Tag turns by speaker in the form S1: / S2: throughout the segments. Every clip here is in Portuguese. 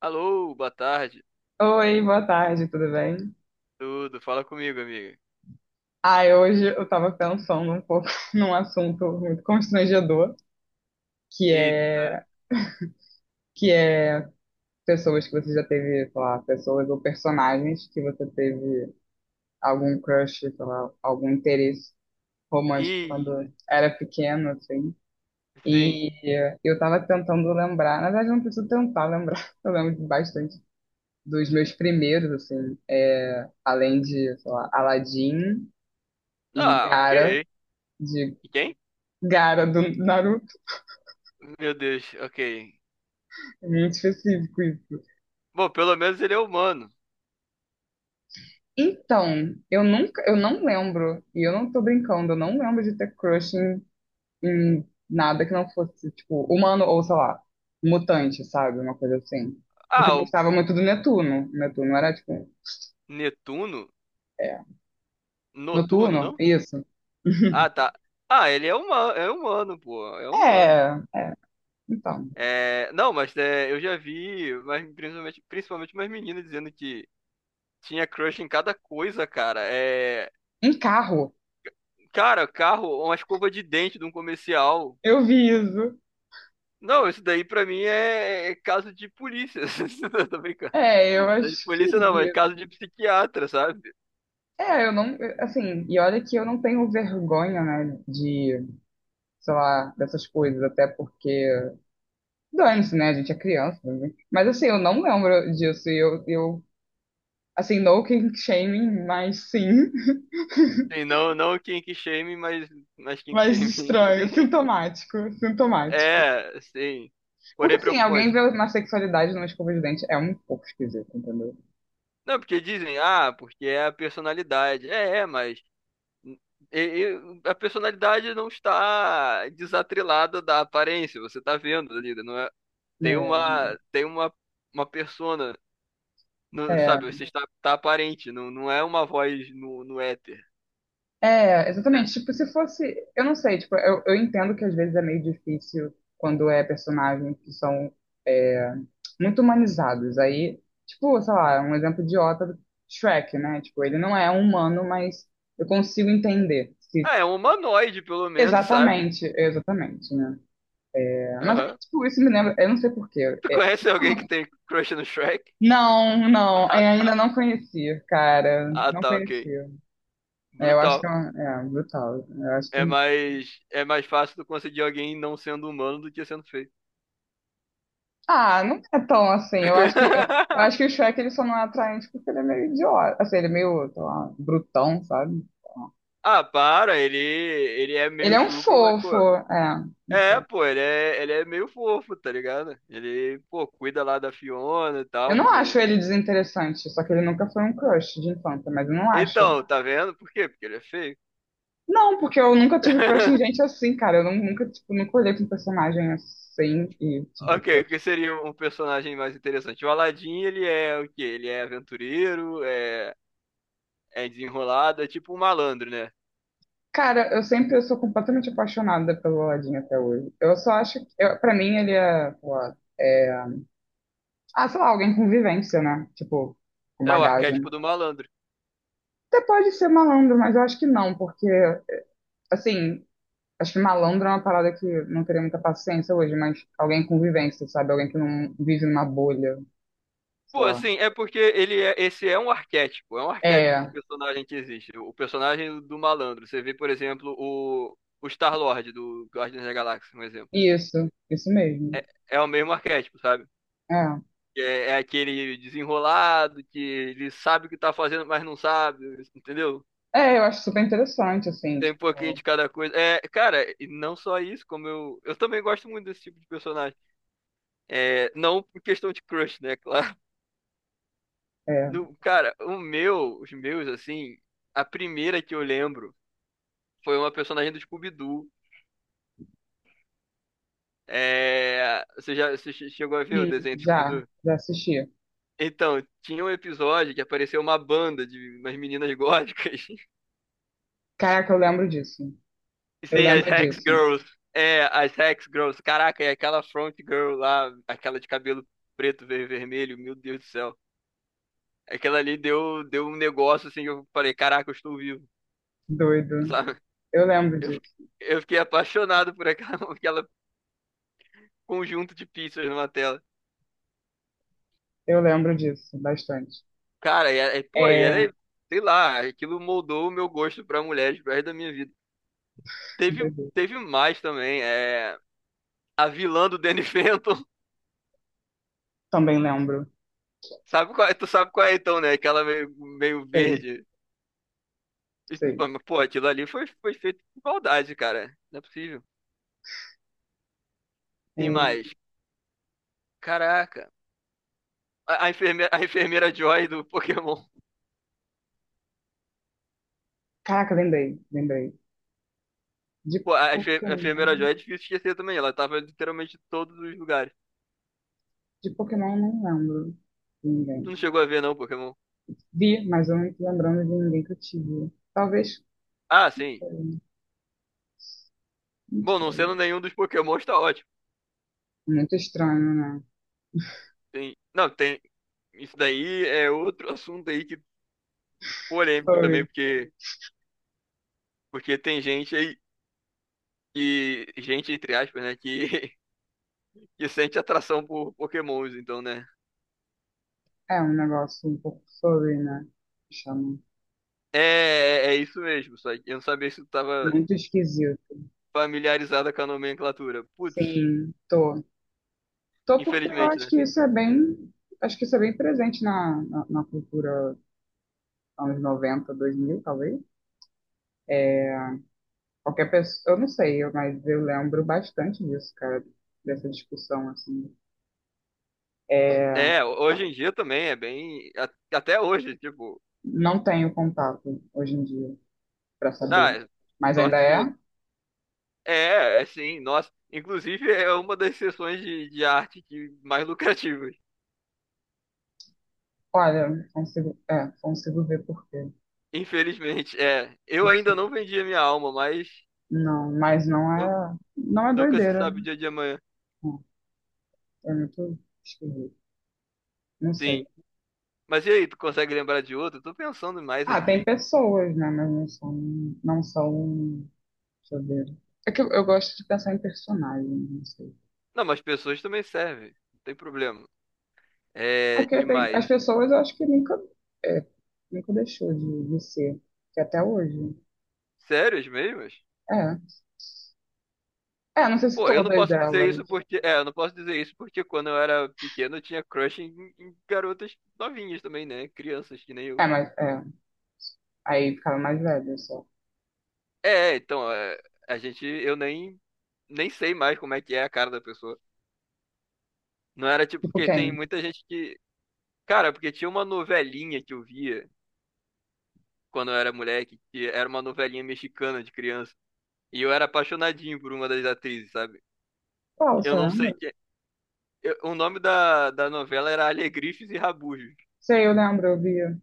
S1: Alô, boa tarde.
S2: Oi, boa tarde, tudo bem?
S1: Tudo, fala comigo, amiga.
S2: Ai, hoje eu tava pensando um pouco num assunto muito constrangedor, que
S1: Eita,
S2: é que é pessoas que você já teve, sei lá, pessoas ou personagens que você teve algum crush, sei lá, algum interesse romântico
S1: e
S2: quando era pequeno, assim.
S1: sim.
S2: E eu tava tentando lembrar, na verdade eu não preciso tentar lembrar, eu lembro bastante dos meus primeiros, assim, além de, sei lá, Aladdin e
S1: Ah, ok.
S2: De
S1: E quem?
S2: Gara do Naruto.
S1: Meu Deus, ok.
S2: É muito específico isso.
S1: Bom, pelo menos ele é humano.
S2: Então, eu nunca, eu não lembro, e eu não tô brincando, eu não lembro de ter crush em nada que não fosse, tipo, humano ou, sei lá, mutante, sabe? Uma coisa assim. Porque
S1: Ah,
S2: eu
S1: o
S2: gostava muito do Netuno. O Netuno era, tipo,
S1: Netuno?
S2: é,
S1: Noturno,
S2: Noturno,
S1: não?
S2: isso.
S1: Ah, tá. Ah, ele é humano, pô, é humano.
S2: É, é, então.
S1: Não, mas, eu já vi, mas principalmente, principalmente umas meninas dizendo que tinha crush em cada coisa, cara. É,
S2: Em carro,
S1: cara, carro, uma escova de dente de um comercial.
S2: eu vi isso.
S1: Não, isso daí pra mim é caso de polícia. Eu tô brincando.
S2: É, eu
S1: De
S2: acho que
S1: polícia não, mas
S2: vi.
S1: caso de psiquiatra, sabe?
S2: É, eu não, assim, e olha que eu não tenho vergonha, né, de sei lá, dessas coisas, até porque dane-se, né? A gente é criança, né? Mas assim, eu não lembro disso. E eu assim, no kink shaming, mas sim.
S1: Sim, não, não kink shame, mas kink
S2: Mas
S1: shame.
S2: estranho, sintomático, sintomático.
S1: É, sim.
S2: Porque
S1: Porém
S2: assim, alguém
S1: preocupante.
S2: vê uma sexualidade numa escova de dente é um pouco esquisito, entendeu?
S1: Não, porque dizem, ah, porque é a personalidade. É, é, mas a personalidade não está desatrelada da aparência. Você tá vendo ali, né? não é? Tem uma, uma persona.
S2: É,
S1: Não,
S2: é.
S1: sabe, você está tá aparente, não, não é uma voz no éter,
S2: É,
S1: né?
S2: exatamente. Tipo, se fosse. Eu não sei, tipo, eu entendo que às vezes é meio difícil quando é personagens que são é, muito humanizados. Aí, tipo, sei lá, um exemplo idiota, Shrek, né? Tipo, ele não é um humano, mas eu consigo entender. Se...
S1: Ah, é um humanoide, pelo menos, sabe?
S2: Exatamente, exatamente, né? É, mas aí,
S1: Aham.
S2: tipo, isso me lembra. Eu não sei por quê.
S1: Tu
S2: É,
S1: conhece alguém que tem crush no Shrek?
S2: não, não,
S1: Ah,
S2: ainda
S1: tá.
S2: não conheci, cara.
S1: Ah,
S2: Não
S1: tá, ok.
S2: conheci. É, eu acho que
S1: Brutal.
S2: é brutal. Eu acho que
S1: É mais fácil tu conseguir alguém não sendo humano do que sendo feio.
S2: Ah, não é tão assim. Eu acho que o Shrek ele só não é atraente porque ele é meio idiota, assim, ele é meio, sei lá, brutão, sabe?
S1: Ah, para, ele é
S2: Ele
S1: meio
S2: é um
S1: chucro, mas,
S2: fofo,
S1: pô.
S2: é, não
S1: É,
S2: sei.
S1: pô, ele é meio fofo, tá ligado? Ele, pô, cuida lá da Fiona e
S2: Eu
S1: tal.
S2: não acho
S1: Ele-
S2: ele desinteressante, só que ele nunca foi um crush de infância, mas eu não acho.
S1: Então, tá vendo? Por quê? Porque ele é feio.
S2: Não, porque eu nunca tive crush em gente assim, cara. Eu não- Nunca, tipo, nunca olhei pra um personagem assim e tive
S1: Ok, o
S2: crush.
S1: que seria um personagem mais interessante? O Aladdin, ele é o quê? Ele é aventureiro, é, é desenrolado, é tipo um malandro, né?
S2: Cara, eu sou completamente apaixonada pelo Aladdin até hoje. Eu só acho que, eu, pra mim, ele é, sei lá, Ah, sei lá, alguém com vivência, né? Tipo, com
S1: É o
S2: bagagem.
S1: arquétipo do malandro.
S2: Até pode ser malandro, mas eu acho que não, porque, assim, acho que malandro é uma parada que não teria muita paciência hoje, mas alguém com vivência, sabe? Alguém que não vive numa bolha, sei
S1: Pô,
S2: lá.
S1: assim, é porque ele é, esse é um arquétipo de
S2: É,
S1: personagem que existe. O personagem do malandro. Você vê, por exemplo, o Star-Lord do Guardiões da Galáxia, um exemplo.
S2: isso mesmo.
S1: É, é o mesmo arquétipo, sabe?
S2: É.
S1: É, é aquele desenrolado que ele sabe o que tá fazendo, mas não sabe, entendeu?
S2: É, eu acho super interessante, assim,
S1: Tem um pouquinho
S2: tipo,
S1: de cada coisa. É, cara, e não só isso, como eu. Eu também gosto muito desse tipo de personagem. É, não por questão de crush, né? Claro.
S2: é.
S1: No, cara, o meu, os meus, assim, a primeira que eu lembro foi uma personagem do Scooby-Doo. É, você já você che- chegou a ver o
S2: Sim.
S1: desenho do
S2: Já,
S1: Scooby-Doo?
S2: já assisti.
S1: Então, tinha um episódio que apareceu uma banda de umas meninas góticas.
S2: Caraca, eu lembro disso. Eu
S1: Sim, as
S2: lembro
S1: Hex
S2: disso.
S1: Girls. É, as Hex Girls. Caraca, e aquela front girl lá, aquela de cabelo preto, vermelho, meu Deus do céu. Aquela ali deu, deu um negócio assim que eu falei, caraca, eu estou vivo,
S2: Doido.
S1: sabe?
S2: Eu lembro
S1: Eu,
S2: disso.
S1: eu fiquei apaixonado por aquela, aquela conjunto de pizzas numa tela.
S2: Eu lembro disso bastante.
S1: Cara, e, é, pô, e ela,
S2: É,
S1: é- sei lá, aquilo moldou o meu gosto pra mulheres pro resto da minha vida.
S2: que
S1: Teve,
S2: doido.
S1: teve mais também, é, a vilã do Danny Phantom,
S2: Também lembro.
S1: sabe qual, tu sabe qual é então, né? Aquela meio, meio
S2: Sei,
S1: verde. E,
S2: sei.
S1: pô, mas, pô, aquilo ali foi, foi feito de maldade, cara. Não é possível.
S2: É,
S1: Tem mais. Caraca. A enfermeira Joy do Pokémon.
S2: caraca, lembrei, lembrei. De
S1: Pô, a enfermeira
S2: Pokémon.
S1: Joy é difícil esquecer também. Ela tava literalmente em todos os lugares.
S2: De Pokémon eu não lembro de
S1: Tu
S2: ninguém.
S1: não chegou a ver, não, Pokémon?
S2: Vi, mas eu não tô lembrando de ninguém que eu tive. Talvez
S1: Ah, sim.
S2: foi, não
S1: Bom, não sendo
S2: sei.
S1: nenhum dos Pokémons, tá ótimo.
S2: Muito estranho, né?
S1: Tem... Não, tem. Isso daí é outro assunto aí que polêmico
S2: Furry.
S1: também, porque, porque tem gente aí que. Gente, entre aspas, né? Que, que sente atração por Pokémons, então, né?
S2: É um negócio um pouco furry, né? Chama.
S1: É, é isso mesmo. Só que eu não sabia se tu tava
S2: Muito esquisito.
S1: familiarizada com a nomenclatura. Putz,
S2: Sim, tô. Tô porque eu
S1: infelizmente,
S2: acho
S1: né?
S2: que isso é bem. Acho que isso é bem presente na cultura anos 90 2000 talvez. É, qualquer pessoa, eu não sei, mas eu lembro bastante disso, cara, dessa discussão, assim. É,
S1: É, hoje em dia também é bem. Até hoje, tipo.
S2: não tenho contato hoje em dia para
S1: Ah,
S2: saber.
S1: é
S2: Mas ainda
S1: sorte sua.
S2: é?
S1: É, é sim, nossa. Inclusive, é uma das seções de arte que mais lucrativas.
S2: Olha, não consigo, consigo ver por quê.
S1: Infelizmente, é. Eu ainda não
S2: Consigo.
S1: vendi a minha alma, mas
S2: Não, mas não
S1: nu-
S2: é, não é
S1: nunca se
S2: doideira, né?
S1: sabe o dia de amanhã.
S2: Não, é muito esquisito. Não sei.
S1: Sim. Mas e aí, tu consegue lembrar de outro? Tô pensando mais
S2: Ah, tem
S1: aqui.
S2: pessoas, né? Mas não são, deixa eu ver. É que eu gosto de pensar em personagens, não sei.
S1: Não, mas pessoas também servem. Não tem problema. É,
S2: Aqui,
S1: que
S2: as
S1: mais?
S2: pessoas eu acho que é, nunca deixou de ser, que até hoje.
S1: Sérias mesmo?
S2: É. É, não sei se
S1: Pô, eu não
S2: todas
S1: posso dizer
S2: elas.
S1: isso porque. É, eu não posso dizer isso porque quando eu era pequeno eu tinha crush em, em garotas novinhas também, né? Crianças que nem eu.
S2: É, mas é. Aí ficava mais velha só.
S1: É, é, então, é, a gente. Eu nem. Nem sei mais como é que é a cara da pessoa. Não era tipo.
S2: Tipo
S1: Porque tem
S2: quem?
S1: muita gente que. Cara, porque tinha uma novelinha que eu via quando eu era moleque, que era uma novelinha mexicana de criança. E eu era apaixonadinho por uma das atrizes, sabe?
S2: Qual,
S1: Eu
S2: você
S1: não sei
S2: lembra?
S1: que. O nome da novela era Alegrifes e Rabujos.
S2: Sei, eu lembro, eu via.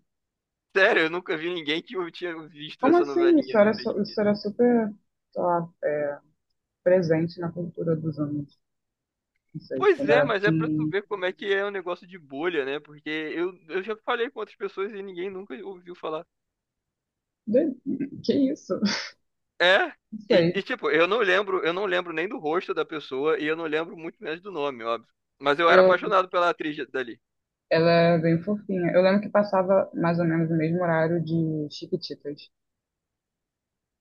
S1: Sério, eu nunca vi ninguém que eu tinha visto
S2: Como
S1: essa
S2: assim?
S1: novelinha.
S2: Isso era, isso era super, sei lá, presente na cultura dos anos. Não sei,
S1: Pois
S2: quando
S1: é,
S2: era
S1: mas é pra tu
S2: pequenininho.
S1: ver como é que é um negócio de bolha, né? Porque eu já falei com outras pessoas e ninguém nunca ouviu falar.
S2: De- Que isso?
S1: É,
S2: Não sei.
S1: e, tipo, eu não lembro nem do rosto da pessoa e eu não lembro muito menos do nome, óbvio. Mas eu era
S2: Eu,
S1: apaixonado pela atriz dali.
S2: Ela é bem fofinha. Eu lembro que passava mais ou menos o mesmo horário de Chiquititas.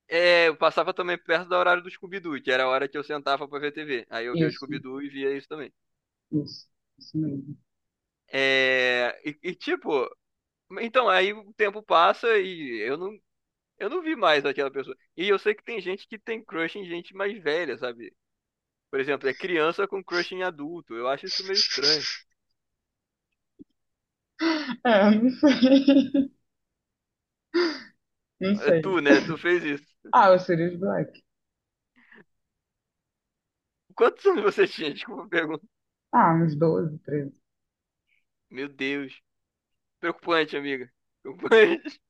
S1: É, eu passava também perto do horário do Scooby-Doo, que era a hora que eu sentava pra ver TV. Aí eu via o
S2: Isso.
S1: Scooby-Doo e via isso também.
S2: Isso, isso mesmo.
S1: É, e, tipo, então aí o tempo passa e eu não, eu não vi mais aquela pessoa. E eu sei que tem gente que tem crush em gente mais velha, sabe? Por exemplo, é criança com crush em adulto. Eu acho isso meio estranho.
S2: É, eu não sei. Não
S1: É
S2: sei.
S1: tu, né? Tu fez isso.
S2: Ah, o Sirius Black.
S1: Quantos anos você tinha? Desculpa a pergunta.
S2: Ah, uns 12 13.
S1: Meu Deus. Preocupante, amiga. Preocupante.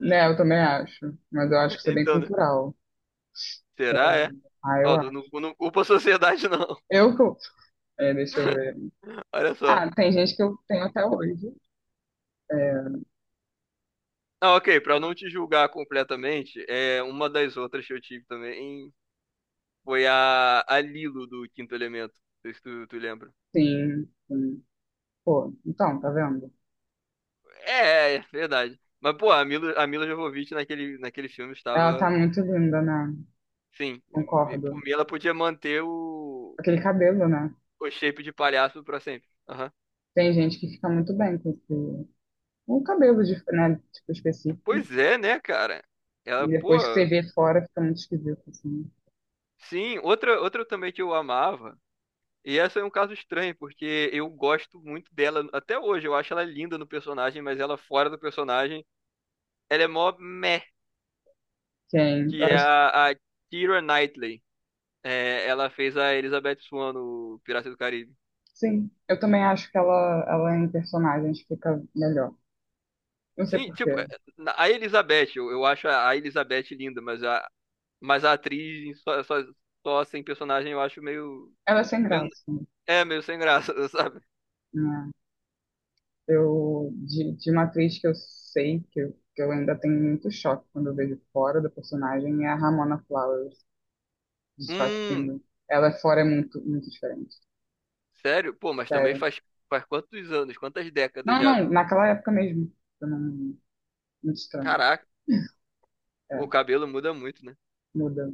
S2: Né, eu também acho. Mas eu acho que isso é bem
S1: Então, né?
S2: cultural. É,
S1: Será, é?
S2: ah, eu
S1: Ó, não, não,
S2: acho.
S1: não culpa a sociedade, não.
S2: Eu, que Deixa eu ver.
S1: Olha só.
S2: Ah, tem gente que eu tenho até hoje. É,
S1: Ah, ok. Pra não te julgar completamente, é uma das outras que eu tive também foi a Lilo do Quinto Elemento. Não sei se tu, tu lembra.
S2: sim, sim. Pô, então, tá vendo?
S1: É, é verdade. Mas, pô, a Mila Jovovich naquele, naquele filme
S2: Ela tá
S1: estava.
S2: muito linda, né?
S1: Sim,
S2: Concordo.
S1: por mim ela podia manter
S2: Aquele cabelo, né?
S1: o shape de palhaço pra sempre. Aham.
S2: Tem gente que fica muito bem com esse. Um cabelo, né? Tipo, específicos.
S1: Pois é, né, cara?
S2: E
S1: Ela, pô.
S2: depois que você vê fora, fica muito esquisito, assim.
S1: Sim, outra, outra também que eu amava. E essa é um caso estranho, porque eu gosto muito dela até hoje. Eu acho ela linda no personagem, mas ela fora do personagem, ela é mó meh,
S2: Sim, eu
S1: que é
S2: acho,
S1: a Keira Knightley. É, ela fez a Elizabeth Swan no Pirata do Caribe.
S2: sim, eu também acho que ela em personagens fica melhor. Não sei
S1: Sim,
S2: por
S1: tipo,
S2: quê.
S1: é, a Elizabeth, eu acho a Elizabeth linda, mas a atriz só, só, só sem personagem eu acho meio,
S2: Ela é sem
S1: meio.
S2: graça,
S1: É, meio sem graça, sabe?
S2: né? De uma atriz que eu, sei que eu ainda tenho muito choque quando eu vejo fora da personagem é a Ramona Flowers, de Scott
S1: Hum,
S2: Pilgrim. Ela fora é muito, muito diferente,
S1: sério? Pô, mas também
S2: sério.
S1: faz, faz quantos anos, quantas décadas
S2: Não,
S1: já
S2: não,
S1: do.
S2: naquela época mesmo. Eu não, muito estranho.
S1: Caraca, o
S2: É,
S1: cabelo muda muito, né?
S2: muda.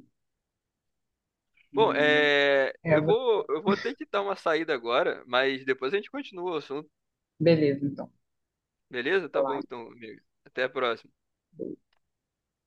S1: Bom,
S2: Não-
S1: é,
S2: É,
S1: eu vou, eu vou ter que dar uma saída agora, mas depois a gente continua o assunto,
S2: beleza, então.
S1: beleza? Tá
S2: Olá.
S1: bom, então, amigo. Até a próxima.
S2: Então.